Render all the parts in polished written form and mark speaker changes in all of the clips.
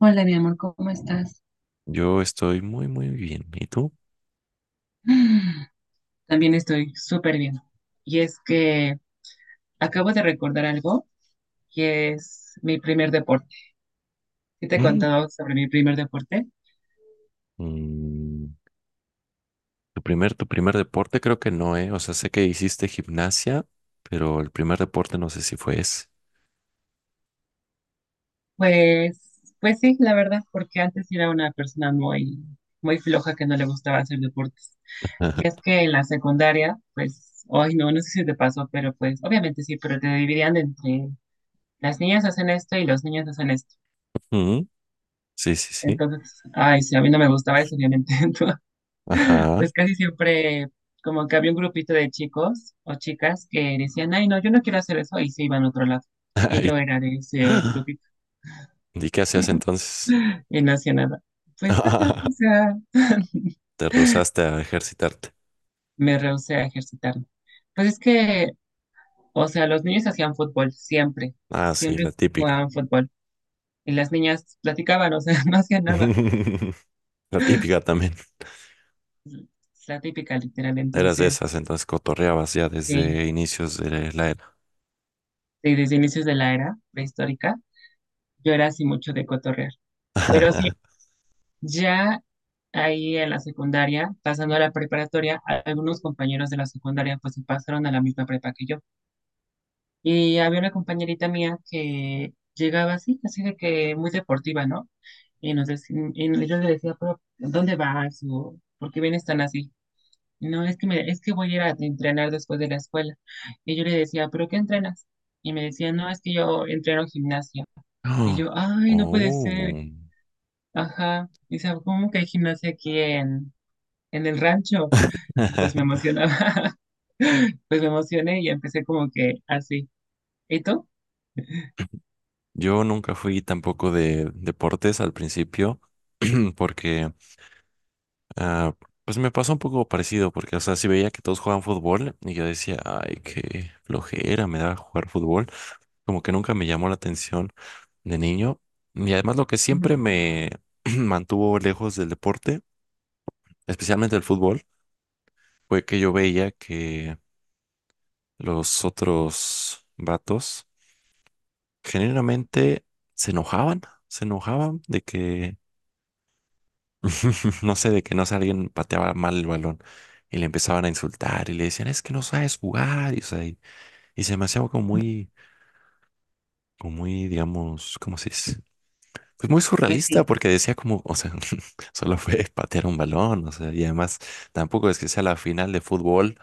Speaker 1: Hola, mi amor, ¿cómo estás?
Speaker 2: Yo estoy muy bien. ¿Y tú?
Speaker 1: También estoy súper bien. Y es que acabo de recordar algo que es mi primer deporte. ¿Sí te he
Speaker 2: Mm.
Speaker 1: contado sobre mi primer deporte?
Speaker 2: Mm, tu primer deporte creo que no, ¿eh? O sea, sé que hiciste gimnasia, pero el primer deporte no sé si fue ese.
Speaker 1: Pues sí, la verdad, porque antes era una persona muy, muy floja que no le gustaba hacer deportes. Y es que en la secundaria, pues, ay, no sé si te pasó, pero pues, obviamente sí, pero te dividían entre las niñas hacen esto y los niños hacen esto.
Speaker 2: Mm, sí, sí, sí.
Speaker 1: Entonces, ay, sí, a mí no me gustaba eso, obviamente. Entonces,
Speaker 2: Ajá.
Speaker 1: pues casi siempre como que había un grupito de chicos o chicas que decían, ay, no, yo no quiero hacer eso, y se iban a otro lado. Y yo
Speaker 2: ¿Y,
Speaker 1: era de ese grupito
Speaker 2: ¿y qué hacías entonces?
Speaker 1: y no hacía nada. Pues nada, o sea,
Speaker 2: Te rehusaste a ejercitarte.
Speaker 1: me rehusé a ejercitarme. Pues es que, o sea, los niños hacían fútbol siempre,
Speaker 2: Ah, sí, la
Speaker 1: siempre
Speaker 2: típica.
Speaker 1: jugaban fútbol. Y las niñas platicaban, o sea, no hacían nada.
Speaker 2: La típica también.
Speaker 1: Es la típica, literal.
Speaker 2: Eras de esas,
Speaker 1: Entonces,
Speaker 2: entonces cotorreabas ya
Speaker 1: sí,
Speaker 2: desde inicios de la era.
Speaker 1: sí, desde inicios de la era prehistórica, yo era así mucho de cotorrear. Pero sí, ya ahí en la secundaria, pasando a la preparatoria, algunos compañeros de la secundaria pues se pasaron a la misma prepa que yo. Y había una compañerita mía que llegaba así, así de que muy deportiva, ¿no? Y, y yo le decía, pero ¿dónde vas? O, ¿por qué vienes tan así? No, es que, es que voy a ir a entrenar después de la escuela. Y yo le decía, ¿pero qué entrenas? Y me decía, no, es que yo entreno gimnasia. Y yo, ay, no puede ser.
Speaker 2: Oh.
Speaker 1: Ajá. Dice, ¿cómo que hay gimnasia aquí en el rancho y pues me emocionaba, pues me emocioné y empecé como que así. ¿Y tú?
Speaker 2: Yo nunca fui tampoco de deportes al principio porque ah, pues me pasó un poco parecido porque o sea, si veía que todos jugaban fútbol y yo decía, ay, qué flojera me da jugar fútbol, como que nunca me llamó la atención de niño. Y además, lo que
Speaker 1: Ujú,
Speaker 2: siempre me mantuvo lejos del deporte, especialmente del fútbol, fue que yo veía que los otros vatos generalmente se enojaban, se enojaban de que no sé, de que no sé, alguien pateaba mal el balón y le empezaban a insultar y le decían, es que no sabes jugar, y se me hacía como muy, digamos, ¿cómo se dice? Pues muy
Speaker 1: pues
Speaker 2: surrealista
Speaker 1: sí.
Speaker 2: porque decía como, o sea, solo fue patear un balón. O sea, y además tampoco es que sea la final de fútbol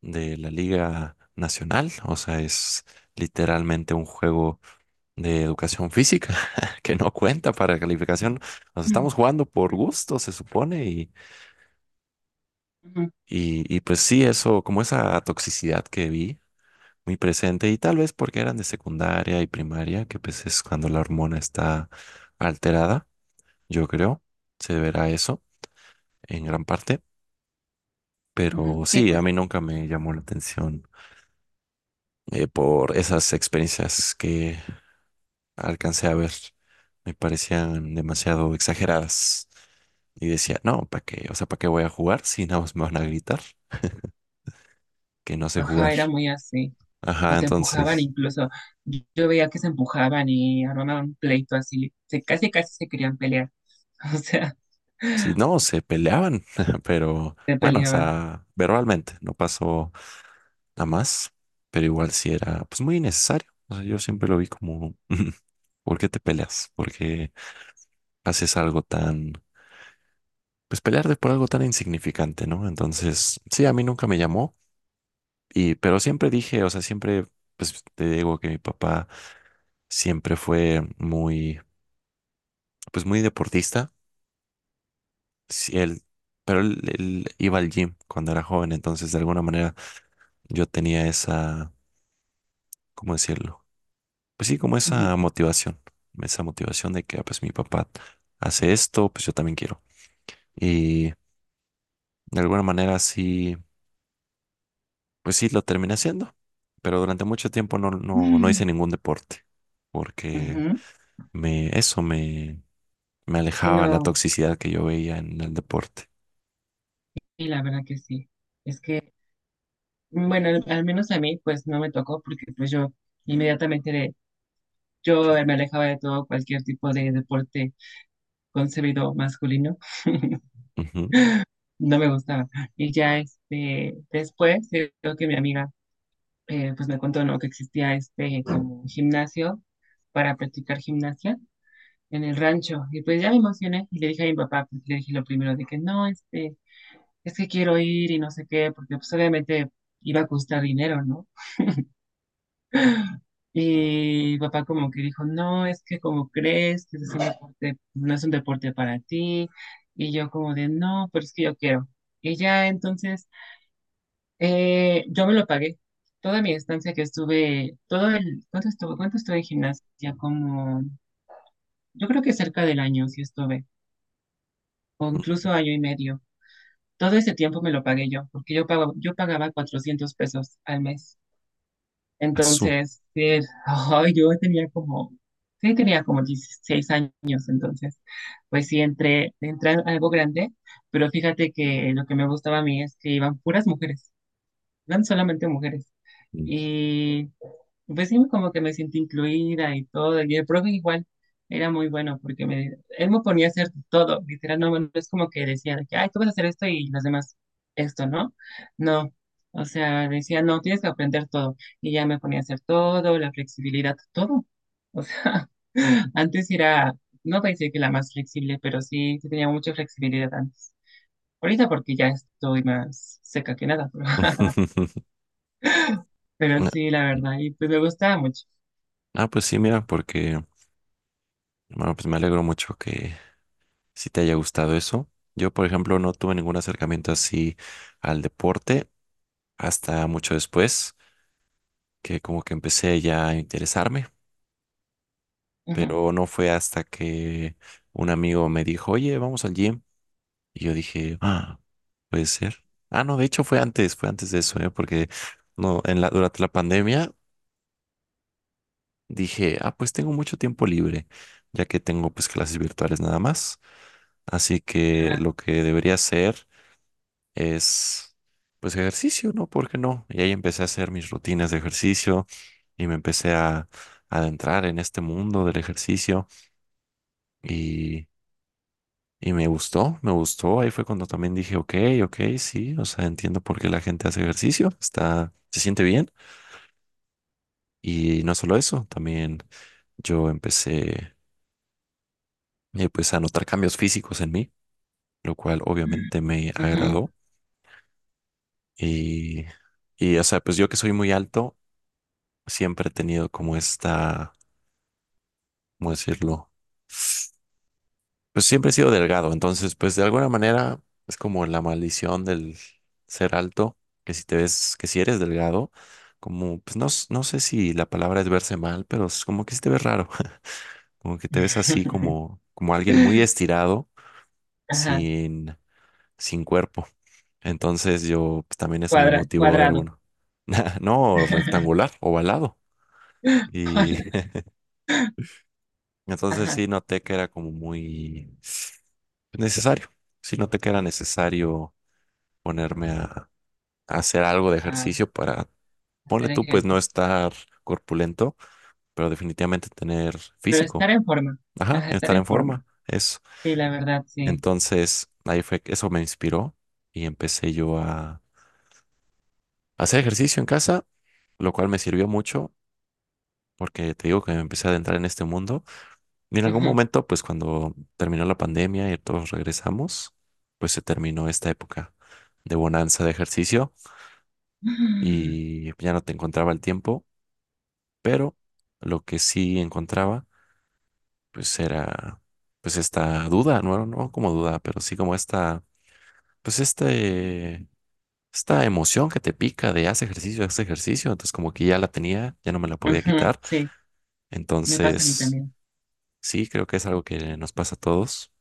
Speaker 2: de la Liga Nacional. O sea, es literalmente un juego de educación física que no cuenta para calificación. O sea,
Speaker 1: Ujú,
Speaker 2: estamos jugando por gusto, se supone.
Speaker 1: ujú,
Speaker 2: Y pues sí, eso, como esa toxicidad que vi muy presente, y tal vez porque eran de secundaria y primaria, que pues es cuando la hormona está alterada, yo creo, se deberá eso en gran parte.
Speaker 1: ujú.
Speaker 2: Pero
Speaker 1: Sí,
Speaker 2: sí, a
Speaker 1: pues
Speaker 2: mí
Speaker 1: sí.
Speaker 2: nunca me llamó la atención por esas experiencias que alcancé a ver. Me parecían demasiado exageradas y decía, no, ¿para qué? O sea, ¿para qué voy a jugar si nada más me van a gritar que no sé
Speaker 1: Ajá,
Speaker 2: jugar?
Speaker 1: era muy así. O
Speaker 2: Ajá,
Speaker 1: te empujaban
Speaker 2: entonces...
Speaker 1: incluso. Yo veía que se empujaban y armaban un pleito así. Casi, casi se querían pelear. O sea,
Speaker 2: Sí, no, se peleaban, pero
Speaker 1: se
Speaker 2: bueno, o
Speaker 1: peleaban.
Speaker 2: sea, verbalmente no pasó nada más, pero igual sí era pues muy innecesario. O sea, yo siempre lo vi como, ¿por qué te peleas? ¿Por qué haces algo tan, pues pelearte por algo tan insignificante, ¿no? Entonces, sí, a mí nunca me llamó, y pero siempre dije, o sea, siempre, pues te digo que mi papá siempre fue muy, pues muy deportista. Sí, él, pero él iba al gym cuando era joven. Entonces, de alguna manera yo tenía esa, ¿cómo decirlo? Pues sí, como
Speaker 1: Ujú.
Speaker 2: esa motivación de que, ah, pues mi papá hace esto, pues yo también quiero. Y de alguna manera sí, pues sí, lo terminé haciendo, pero durante mucho tiempo no hice ningún deporte, porque
Speaker 1: Ujú.
Speaker 2: me, eso me, me
Speaker 1: Y
Speaker 2: alejaba la
Speaker 1: no,
Speaker 2: toxicidad que yo veía en el deporte.
Speaker 1: y la verdad que sí. Es que, bueno, al menos a mí pues no me tocó porque pues yo inmediatamente yo me alejaba de todo cualquier tipo de deporte concebido masculino.
Speaker 2: Ujú.
Speaker 1: No me gustaba. Y ya este, después, creo que mi amiga pues me contó ¿no? que existía este como gimnasio para practicar gimnasia en el rancho. Y pues ya me emocioné y le dije a mi papá, pues, le dije lo primero de que no, este, es que quiero ir y no sé qué, porque pues obviamente iba a costar dinero, ¿no? Y mi papá como que dijo, no, es que como crees que es un deporte, no es un deporte para ti. Y yo como de, no, pero es que yo quiero. Y ya entonces yo me lo pagué. Toda mi estancia que estuve, todo el, ¿cuánto estuve? ¿Cuánto estuve en gimnasia? Como, yo creo que cerca del año sí estuve, o incluso año y medio. Todo ese tiempo me lo pagué yo, porque yo pagaba 400 pesos al mes.
Speaker 2: Azú.
Speaker 1: Entonces, ay, yo tenía como, sí, tenía como 16 años, entonces, pues sí, entré a algo grande, pero fíjate que lo que me gustaba a mí es que iban puras mujeres, eran solamente mujeres.
Speaker 2: Mm.
Speaker 1: Pues sí, como que me sentí incluida y todo. Y el profe igual era muy bueno porque él me ponía a hacer todo. Literal, no es como que decía de que, ay, tú vas a hacer esto y los demás esto, ¿no? No. O sea, decía, no, tienes que aprender todo. Y ya me ponía a hacer todo, la flexibilidad, todo. O sea, antes era, no voy a decir que la más flexible, pero sí, sí tenía mucha flexibilidad antes. Ahorita porque ya estoy más seca que nada, pero, pero sí, la verdad, y pues me gustaba mucho.
Speaker 2: Ah, pues sí, mira, porque, bueno, pues me alegro mucho que si te haya gustado eso. Yo, por ejemplo, no tuve ningún acercamiento así al deporte hasta mucho después, que como que empecé ya a interesarme,
Speaker 1: Ujú,
Speaker 2: pero no fue hasta que un amigo me dijo, oye, vamos al gym. Y yo dije, ah, puede ser. Ah, no, de hecho fue antes de eso, ¿eh? Porque no, en la, durante la pandemia dije, ah, pues tengo mucho tiempo libre, ya que tengo pues clases virtuales nada más. Así que
Speaker 1: ajá,
Speaker 2: lo que debería hacer es pues ejercicio, ¿no? ¿Por qué no? Y ahí empecé a hacer mis rutinas de ejercicio y me empecé a adentrar en este mundo del ejercicio y, y me gustó, me gustó. Ahí fue cuando también dije, ok, ok, sí, o sea, entiendo por qué la gente hace ejercicio, está, se siente bien. Y no solo eso, también yo empecé pues a notar cambios físicos en mí, lo cual obviamente me
Speaker 1: ujú.
Speaker 2: agradó y... Y, o sea, pues yo que soy muy alto, siempre he tenido como esta, ¿cómo decirlo? Pues siempre he sido delgado, entonces pues de alguna manera es como la maldición del ser alto, que si te ves, que si eres delgado, como pues no, s- no sé si la palabra es verse mal, pero es como que si te ves raro, como que te ves así como, como alguien muy estirado,
Speaker 1: Ajá,
Speaker 2: sin, sin cuerpo. Entonces yo pues, también eso me motivó de
Speaker 1: cuadrado.
Speaker 2: alguno. No rectangular, ovalado. Y entonces
Speaker 1: Ajá,
Speaker 2: sí noté que era como muy necesario. Si no te queda necesario ponerme a hacer algo de
Speaker 1: ah,
Speaker 2: ejercicio para, ponle
Speaker 1: hacer
Speaker 2: tú, pues no
Speaker 1: ejercicio.
Speaker 2: estar corpulento, pero definitivamente tener
Speaker 1: Pero estar
Speaker 2: físico,
Speaker 1: en forma.
Speaker 2: ajá,
Speaker 1: Ajá, estar
Speaker 2: estar
Speaker 1: en
Speaker 2: en
Speaker 1: forma.
Speaker 2: forma, eso.
Speaker 1: Sí, la verdad, sí.
Speaker 2: Entonces, ahí fue, eso me inspiró y empecé yo a hacer ejercicio en casa, lo cual me sirvió mucho porque te digo que me empecé a adentrar en este mundo. Y en algún
Speaker 1: Ujú.
Speaker 2: momento, pues cuando terminó la pandemia y todos regresamos, pues se terminó esta época de bonanza de ejercicio. Y ya no te encontraba el tiempo, pero lo que sí encontraba, pues era, pues esta duda, no, no como duda, pero sí como esta, pues este, esta emoción que te pica de haz ejercicio, entonces como que ya la tenía, ya no me la podía
Speaker 1: Ujú,
Speaker 2: quitar,
Speaker 1: sí, me pasa a mí
Speaker 2: entonces
Speaker 1: también.
Speaker 2: sí, creo que es algo que nos pasa a todos.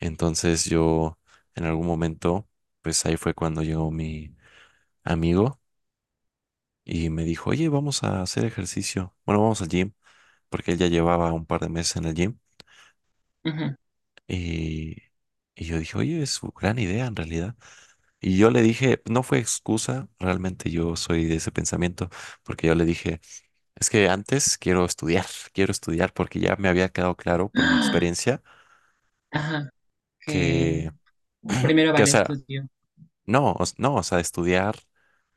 Speaker 2: Entonces yo, en algún momento, pues ahí fue cuando llegó mi amigo y me dijo, oye, vamos a hacer ejercicio, bueno, vamos al gym, porque él ya llevaba un par de meses en el gym
Speaker 1: Ujú.
Speaker 2: y, y yo dije, oye, es una gran idea en realidad. Y yo le dije, no fue excusa, realmente yo soy de ese pensamiento, porque yo le dije, es que antes quiero estudiar, quiero estudiar porque ya me había quedado claro por mi experiencia
Speaker 1: Ajá, que
Speaker 2: que,
Speaker 1: primero
Speaker 2: que o
Speaker 1: vale
Speaker 2: sea,
Speaker 1: estudio.
Speaker 2: no, o s- no, o sea, estudiar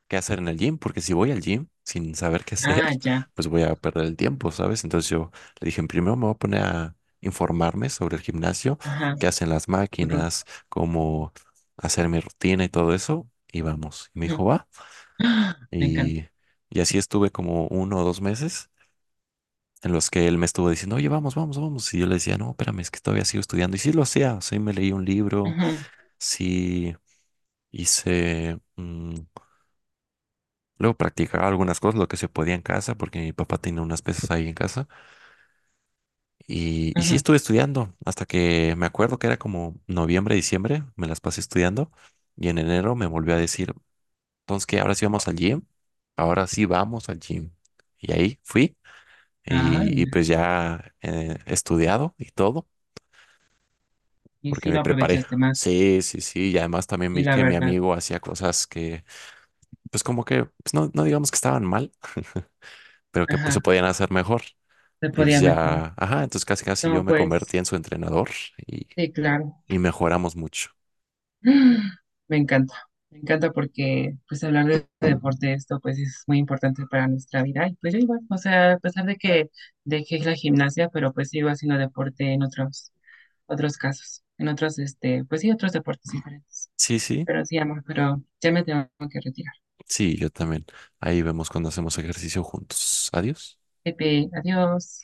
Speaker 2: qué hacer en el gym, porque si voy al gym sin saber qué hacer,
Speaker 1: Ah, ya.
Speaker 2: pues voy a perder el tiempo, ¿sabes? Entonces yo le dije, primero me voy a poner a informarme sobre el gimnasio,
Speaker 1: Ajá,
Speaker 2: qué hacen las
Speaker 1: tu ru-
Speaker 2: máquinas, cómo hacer mi rutina y todo eso, y vamos. Y me dijo,
Speaker 1: ujú.
Speaker 2: va.
Speaker 1: Me encanta.
Speaker 2: Y, y así estuve como uno o dos meses en los que él me estuvo diciendo, oye, vamos, vamos, vamos. Y yo le decía, no, espérame, es que todavía sigo estudiando. Y sí lo hacía, sí me leí un libro,
Speaker 1: Ujú,
Speaker 2: sí hice luego practicaba algunas cosas, lo que se podía en casa, porque mi papá tenía unas pesas ahí en casa. Y sí
Speaker 1: ujú.
Speaker 2: estuve estudiando, hasta que me acuerdo que era como noviembre, diciembre, me las pasé estudiando. Y en enero me volvió a decir, entonces, ¿qué? Ahora sí vamos al gym. Ahora sí vamos al gym. Y ahí fui.
Speaker 1: Ah,
Speaker 2: Y
Speaker 1: mira.
Speaker 2: pues ya estudiado y todo,
Speaker 1: Y
Speaker 2: porque
Speaker 1: sí
Speaker 2: me
Speaker 1: lo
Speaker 2: preparé.
Speaker 1: aprovechaste más.
Speaker 2: Sí, sí, sí. Y además también
Speaker 1: Y
Speaker 2: vi
Speaker 1: la
Speaker 2: que mi
Speaker 1: verdad,
Speaker 2: amigo hacía cosas que, pues como que, pues no, no digamos que estaban mal, pero que pues,
Speaker 1: ajá,
Speaker 2: se podían hacer mejor.
Speaker 1: se
Speaker 2: Y pues
Speaker 1: podía mejorar.
Speaker 2: ya, ajá, entonces casi casi yo
Speaker 1: No,
Speaker 2: me convertí en
Speaker 1: pues,
Speaker 2: su entrenador y,
Speaker 1: sí, claro.
Speaker 2: y mejoramos mucho.
Speaker 1: Me encanta, me encanta porque pues hablar de deporte, esto pues es muy importante para nuestra vida. Y pues yo igual, o sea, a pesar de que dejé la gimnasia, pero pues sigo haciendo deporte en otros, otros casos, en otros, este, pues sí, otros deportes diferentes.
Speaker 2: Sí, sí,
Speaker 1: Pero sí, amor, pero ya me tengo que retirar.
Speaker 2: sí, yo también. Ahí vemos cuando hacemos ejercicio juntos. Adiós.
Speaker 1: Pepe, adiós.